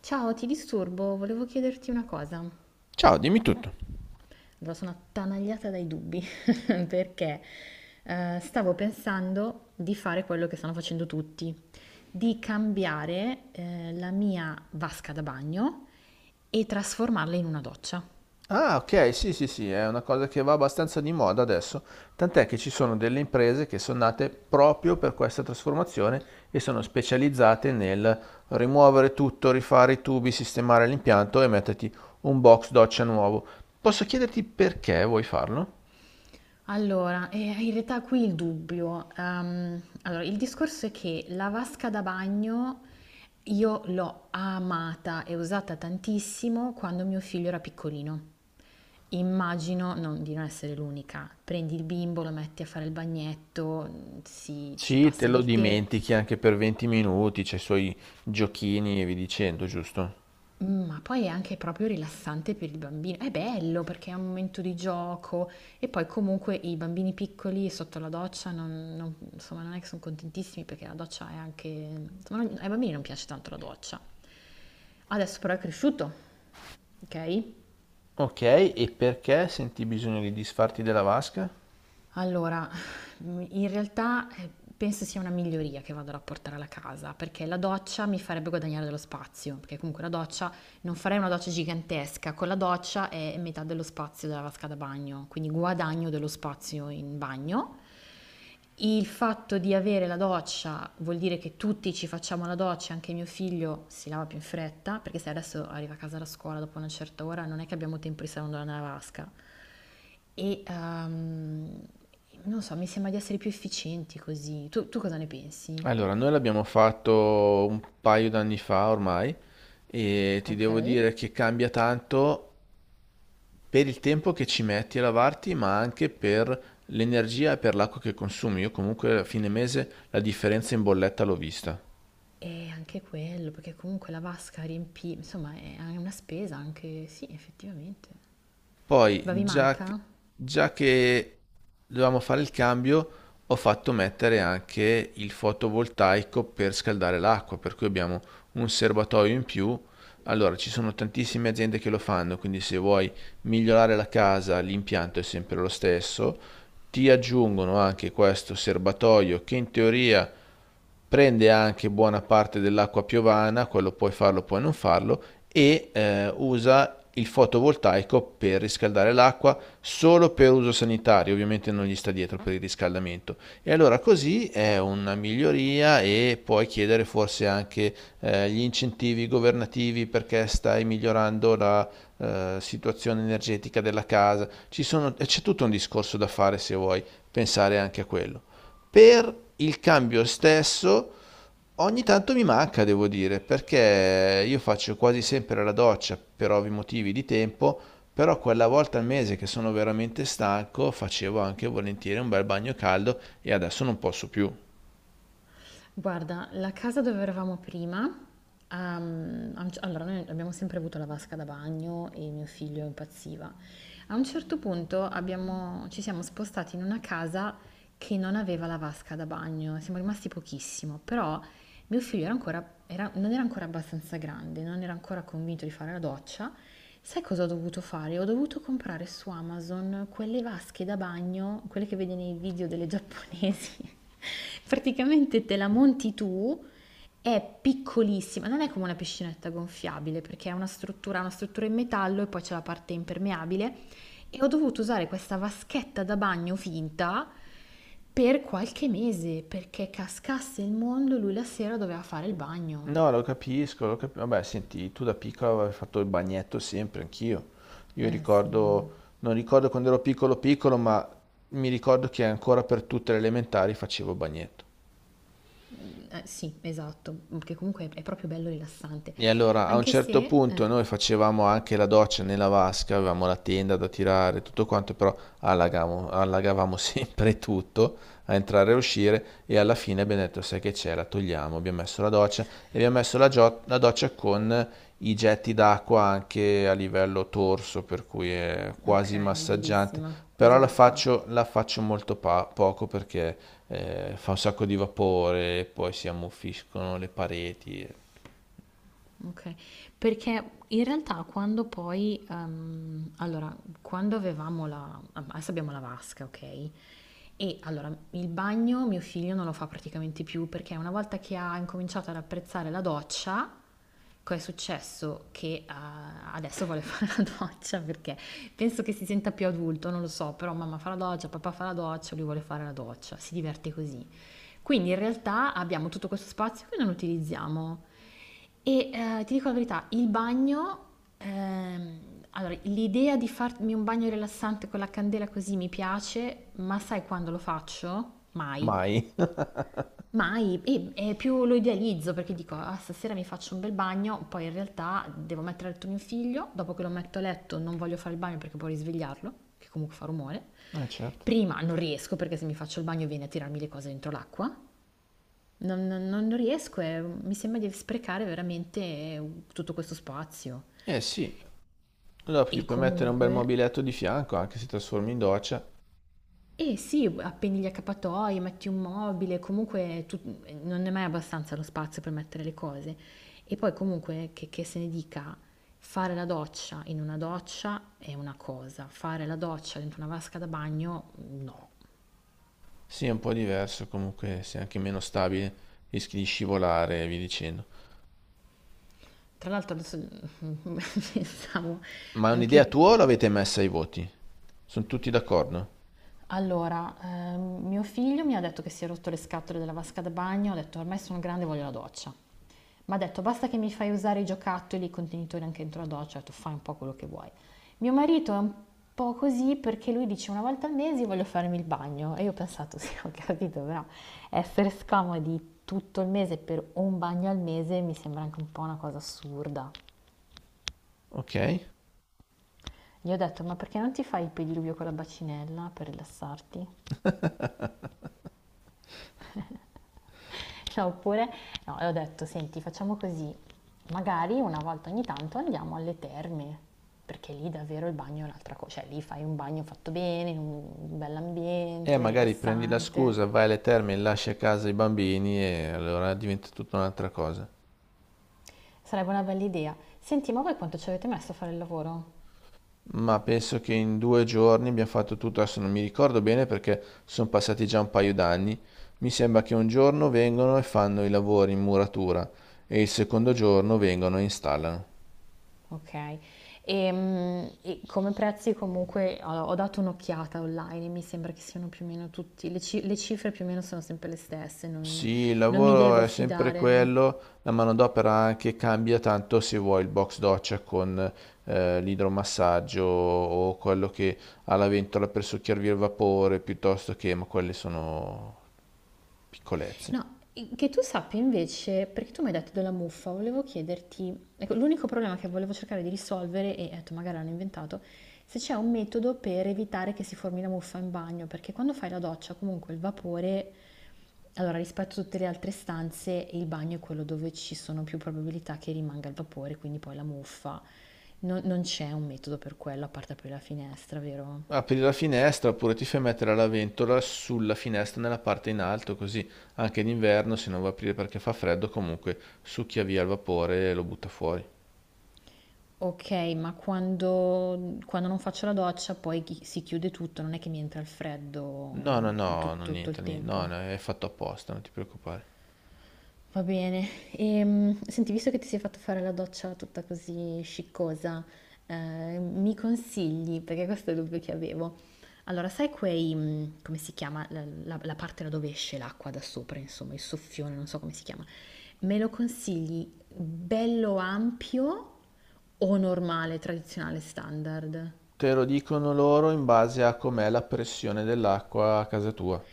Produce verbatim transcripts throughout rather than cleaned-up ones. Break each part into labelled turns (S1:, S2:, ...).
S1: Ciao, ti disturbo, volevo chiederti una cosa. Allora,
S2: Ciao, dimmi tutto.
S1: sono attanagliata dai dubbi perché eh, stavo pensando di fare quello che stanno facendo tutti, di cambiare eh, la mia vasca da bagno e trasformarla in una doccia.
S2: Ah, ok, sì, sì, sì, è una cosa che va abbastanza di moda adesso, tant'è che ci sono delle imprese che sono nate proprio per questa trasformazione e sono specializzate nel rimuovere tutto, rifare i tubi, sistemare l'impianto e metterti un box doccia nuovo. Posso chiederti perché vuoi farlo?
S1: Allora, eh, in realtà qui il dubbio. ehm, allora, il discorso è che la vasca da bagno io l'ho amata e usata tantissimo quando mio figlio era piccolino. Immagino non- di non essere l'unica. Prendi il bimbo, lo metti a fare il bagnetto, mm, si, ci
S2: Sì, te
S1: passa
S2: lo
S1: del tè.
S2: dimentichi anche per venti minuti, c'è i suoi giochini e vi dicendo, giusto?
S1: Mh, ma poi è anche proprio rilassante per il bambino. È bello perché è un momento di gioco e poi comunque i bambini piccoli sotto la doccia non non insomma, non è che son contentissimi perché la doccia è anche insomma, non- ai bambini non piace tanto la doccia. Adesso però è cresciuto, okay?
S2: Ok, e perché senti bisogno di disfarti della vasca?
S1: Allora, mhmm, in realtà, ehm, penso sia una miglioria che vado a rapportare alla casa, perché la doccia mi farebbe guadagnare dello spazio, perché comunque la doccia non farei una doccia gigantesca, con la doccia è metà dello spazio della vasca da bagno, quindi guadagno dello spazio in bagno. Il fatto di avere la doccia vuol dire che tutti ci facciamo la doccia, anche mio figlio si lava più in fretta, perché se adesso arriva a casa da scuola dopo una certa ora non è che abbiamo tempo di stare andando nella vasca. E ehm, non so, mi sembra di essere più efficienti così. Tu, tu cosa ne pensi?
S2: Allora, noi l'abbiamo fatto un paio d'anni fa ormai e ti
S1: Ok.
S2: devo dire che cambia tanto per il tempo che ci metti a lavarti, ma anche per l'energia e per l'acqua che consumi. Io comunque a fine mese la differenza in bolletta l'ho vista.
S1: E anche quello, perché comunque la vasca riempì, insomma, è una spesa anche, sì, effettivamente.
S2: Poi,
S1: Ma vi
S2: già,
S1: manca?
S2: già che dovevamo fare il cambio, ho fatto mettere anche il fotovoltaico per scaldare l'acqua, per cui abbiamo un serbatoio in più. Allora, ci sono tantissime aziende che lo fanno, quindi se vuoi migliorare la casa, l'impianto è sempre lo stesso. Ti aggiungono anche questo serbatoio che in teoria prende anche buona parte dell'acqua piovana, quello puoi farlo, puoi non farlo, e eh, usa il fotovoltaico per riscaldare l'acqua solo per uso sanitario, ovviamente non gli sta dietro per il riscaldamento. E allora così è una miglioria e puoi chiedere forse anche eh, gli incentivi governativi perché stai migliorando la eh, situazione energetica della casa. Ci sono- c'è tutto un discorso da fare se vuoi pensare anche a quello. Per il cambio stesso ogni tanto mi manca, devo dire, perché io faccio quasi sempre la doccia per ovvi motivi di tempo, però quella volta al mese che sono veramente stanco facevo anche volentieri un bel bagno caldo e adesso non posso più.
S1: Guarda, la casa dove eravamo prima, ehm, a un c- allora noi abbiamo sempre avuto la vasca da bagno e mio figlio impazziva. A un certo punto abbiamo- ci siamo spostati in una casa che non aveva la vasca da bagno, siamo rimasti pochissimo, però mio figlio era ancora- era- non era ancora abbastanza grande, non era ancora convinto di fare la doccia. Sai cosa ho dovuto fare? Ho dovuto comprare su Amazon quelle vasche da bagno, quelle che vedi nei video delle giapponesi. Praticamente te la monti tu, è piccolissima, non è come una piscinetta gonfiabile perché è una struttura, ha una struttura in metallo e poi c'è la parte impermeabile e ho dovuto usare questa vaschetta da bagno finta per qualche mese perché cascasse il mondo, lui la sera doveva fare il bagno.
S2: No, lo capisco, lo capisco. Vabbè, senti, tu da piccolo avevi fatto il bagnetto sempre, anch'io. Io
S1: Eh sì.
S2: ricordo, non ricordo quando ero piccolo piccolo, ma mi ricordo che ancora per tutte le elementari facevo il bagnetto.
S1: Eh, sì, esatto, che comunque è proprio bello rilassante,
S2: E allora a un
S1: anche
S2: certo
S1: se...
S2: punto
S1: eh,
S2: noi facevamo anche la doccia nella vasca, avevamo la tenda da tirare, tutto quanto, però allagavamo, allagavamo sempre tutto a entrare e a uscire e alla fine abbiamo detto sai che c'è, la togliamo, abbiamo messo la doccia e abbiamo messo la, gio- la doccia con i getti d'acqua anche a livello torso, per cui è quasi
S1: ok,
S2: massaggiante,
S1: bellissima,
S2: però
S1: quasi
S2: la
S1: da spa.
S2: faccio, la faccio molto pa- poco perché eh, fa un sacco di vapore, poi si ammuffiscono le pareti, e-
S1: Okay. Perché in realtà quando poi ehm, allora, quando avevamo la adesso abbiamo la vasca, okay, e allora il bagno mio figlio non lo fa praticamente più perché una volta che ha incominciato ad apprezzare la doccia, cosa è successo? Che eh, adesso vuole fare la doccia perché penso che si senta più adulto, non lo so, però mamma fa la doccia, papà fa la doccia, lui vuole fare la doccia, si diverte così. Quindi in realtà abbiamo tutto questo spazio che non utilizziamo. E eh, ti dico la verità, il bagno, ehm, allora l'idea di farmi un bagno rilassante con la candela così mi piace, ma sai quando lo faccio? Mai.
S2: mai.
S1: Mai, e, e più lo idealizzo perché dico, ah, stasera mi faccio un bel bagno, poi in realtà devo mettere a letto mio figlio, dopo che lo metto a letto non voglio fare il bagno perché può risvegliarlo, che comunque fa rumore.
S2: Eh certo.
S1: Prima non riesco perché se mi faccio il bagno viene a tirarmi le cose dentro l'acqua. Non, non- non riesco, è- mi sembra di sprecare veramente tutto questo spazio.
S2: Eh sì, allora gli
S1: E
S2: puoi mettere un bel
S1: comunque,
S2: mobiletto di fianco, anche se trasformi in doccia.
S1: eh sì, appendi gli accappatoi, metti un mobile, comunque tu- eh, non è mai abbastanza lo spazio per mettere le cose. E poi comunque, che, che se ne dica, fare la doccia in una doccia è una cosa, fare la doccia dentro una vasca da bagno, no.
S2: Sì, è un po' diverso, comunque sei anche meno stabile, rischi di scivolare e via dicendo.
S1: Tra l'altro adesso pensavo
S2: Ma è un'idea
S1: anche.
S2: tua o l'avete messa ai voti? Sono tutti d'accordo?
S1: Allora, ehm, mio figlio mi ha detto che si è rotto le scatole della vasca da bagno, ho detto ormai sono grande, voglio la doccia. Mi ha detto basta che mi fai usare i giocattoli, i contenitori anche dentro la doccia, ho detto fai un po' quello che vuoi. Mio marito è un po' così perché lui dice una volta al mese voglio farmi il bagno e io ho pensato sì, ho capito, però essere scomodi tutto il mese per un bagno al mese mi sembra anche un po' una cosa assurda.
S2: Ok.
S1: Gli ho detto ma perché non ti fai il pediluvio con la bacinella per rilassarti? No, oppure, no, e ho detto, senti, facciamo così, magari una volta ogni tanto andiamo alle terme, perché lì davvero il bagno è un'altra cosa, cioè lì fai un bagno fatto bene, in un
S2: E
S1: bell'ambiente,
S2: magari prendi la scusa,
S1: rilassante.
S2: vai alle terme e lasci a casa i bambini e allora diventa tutta un'altra cosa.
S1: Sarebbe una bella idea. Senti, ma voi quanto ci avete messo a fare il lavoro?
S2: Ma penso che in due giorni abbiamo fatto tutto, adesso non mi ricordo bene perché sono passati già un paio d'anni. Mi sembra che un giorno vengono e fanno i lavori in muratura e il secondo giorno vengono e installano.
S1: Ok. E, mm, e come prezzi comunque ho, ho dato un'occhiata online e mi sembra che siano più o meno tutti, le, ci- le cifre più o meno sono sempre le stesse, non,
S2: Sì, il
S1: non mi
S2: lavoro
S1: devo
S2: è sempre
S1: fidare.
S2: quello, la manodopera anche cambia tanto se vuoi il box doccia con eh, l'idromassaggio o quello che ha la ventola per succhiarvi il vapore piuttosto che, ma quelle sono piccolezze.
S1: No, che tu sappia invece, perché tu mi hai detto della muffa, volevo chiederti, ecco, l'unico problema che volevo cercare di risolvere, e ho detto magari l'hanno inventato, se c'è un metodo per evitare che si formi la muffa in bagno, perché quando fai la doccia comunque il vapore, allora rispetto a tutte le altre stanze, il bagno è quello dove ci sono più probabilità che rimanga il vapore, quindi poi la muffa. Non, non c'è un metodo per quello, a parte aprire la finestra, vero?
S2: Apri la finestra oppure ti fai mettere la ventola sulla finestra nella parte in alto, così anche d'inverno se non va a aprire perché fa freddo, comunque succhia via il vapore e lo butta fuori.
S1: Ok, ma quando, quando non faccio la doccia poi chi- si chiude tutto, non è che mi entra il freddo
S2: No, no,
S1: mm,
S2: no,
S1: tut-
S2: non
S1: tutto
S2: niente,
S1: il
S2: ni- no,
S1: tempo.
S2: no, è fatto apposta, non ti preoccupare.
S1: Va bene. Ehm, senti, visto che ti sei fatto fare la doccia tutta così sciccosa, eh, mi consigli, perché questo è il dubbio che avevo. Allora, sai quei, mm, come si chiama, la, la- la parte da dove esce l'acqua da sopra, insomma, il soffione, non so come si chiama. Me lo consigli bello ampio o normale, tradizionale, standard?
S2: Te lo dicono loro in base a com'è la pressione dell'acqua a casa tua.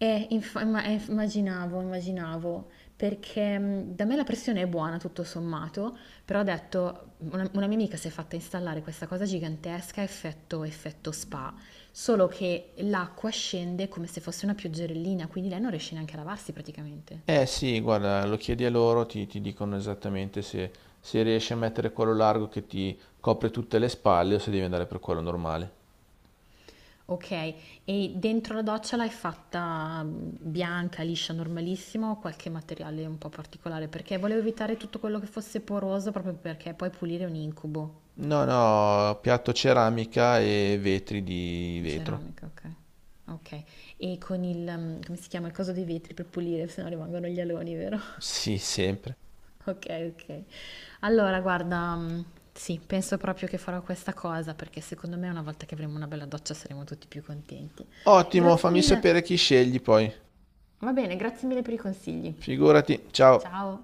S1: Eh, inf- imma- eh, immaginavo, immaginavo, perché mh, da me la pressione è buona tutto sommato, però ho detto, una, una mia amica si è fatta installare questa cosa gigantesca, effetto, effetto spa, solo che l'acqua scende come se fosse una pioggerellina, quindi lei non riesce neanche a lavarsi praticamente.
S2: Eh sì, guarda, lo chiedi a loro, ti, ti dicono esattamente se, se riesci a mettere quello largo che ti copre tutte le spalle o se devi andare per quello normale.
S1: Ok, e dentro la doccia l'hai fatta mh, bianca, liscia, normalissimo, qualche materiale un po' particolare, perché volevo evitare tutto quello che fosse poroso, proprio perché poi pulire è un incubo.
S2: No, no, piatto ceramica e vetri di vetro.
S1: Ceramica, okay. Okay. E con il mhmm, come si chiama, il coso dei vetri per pulire, se no rimangono gli aloni, vero?
S2: Sì, sempre.
S1: Okay, okay. Allora guarda, mhmm, sì, penso proprio che farò questa cosa, perché secondo me una volta che avremo una bella doccia saremo tutti più contenti.
S2: Ottimo,
S1: Grazie
S2: fammi sapere
S1: mille.
S2: chi scegli poi.
S1: Va bene, grazie mille per i consigli.
S2: Figurati, ciao.
S1: Ciao.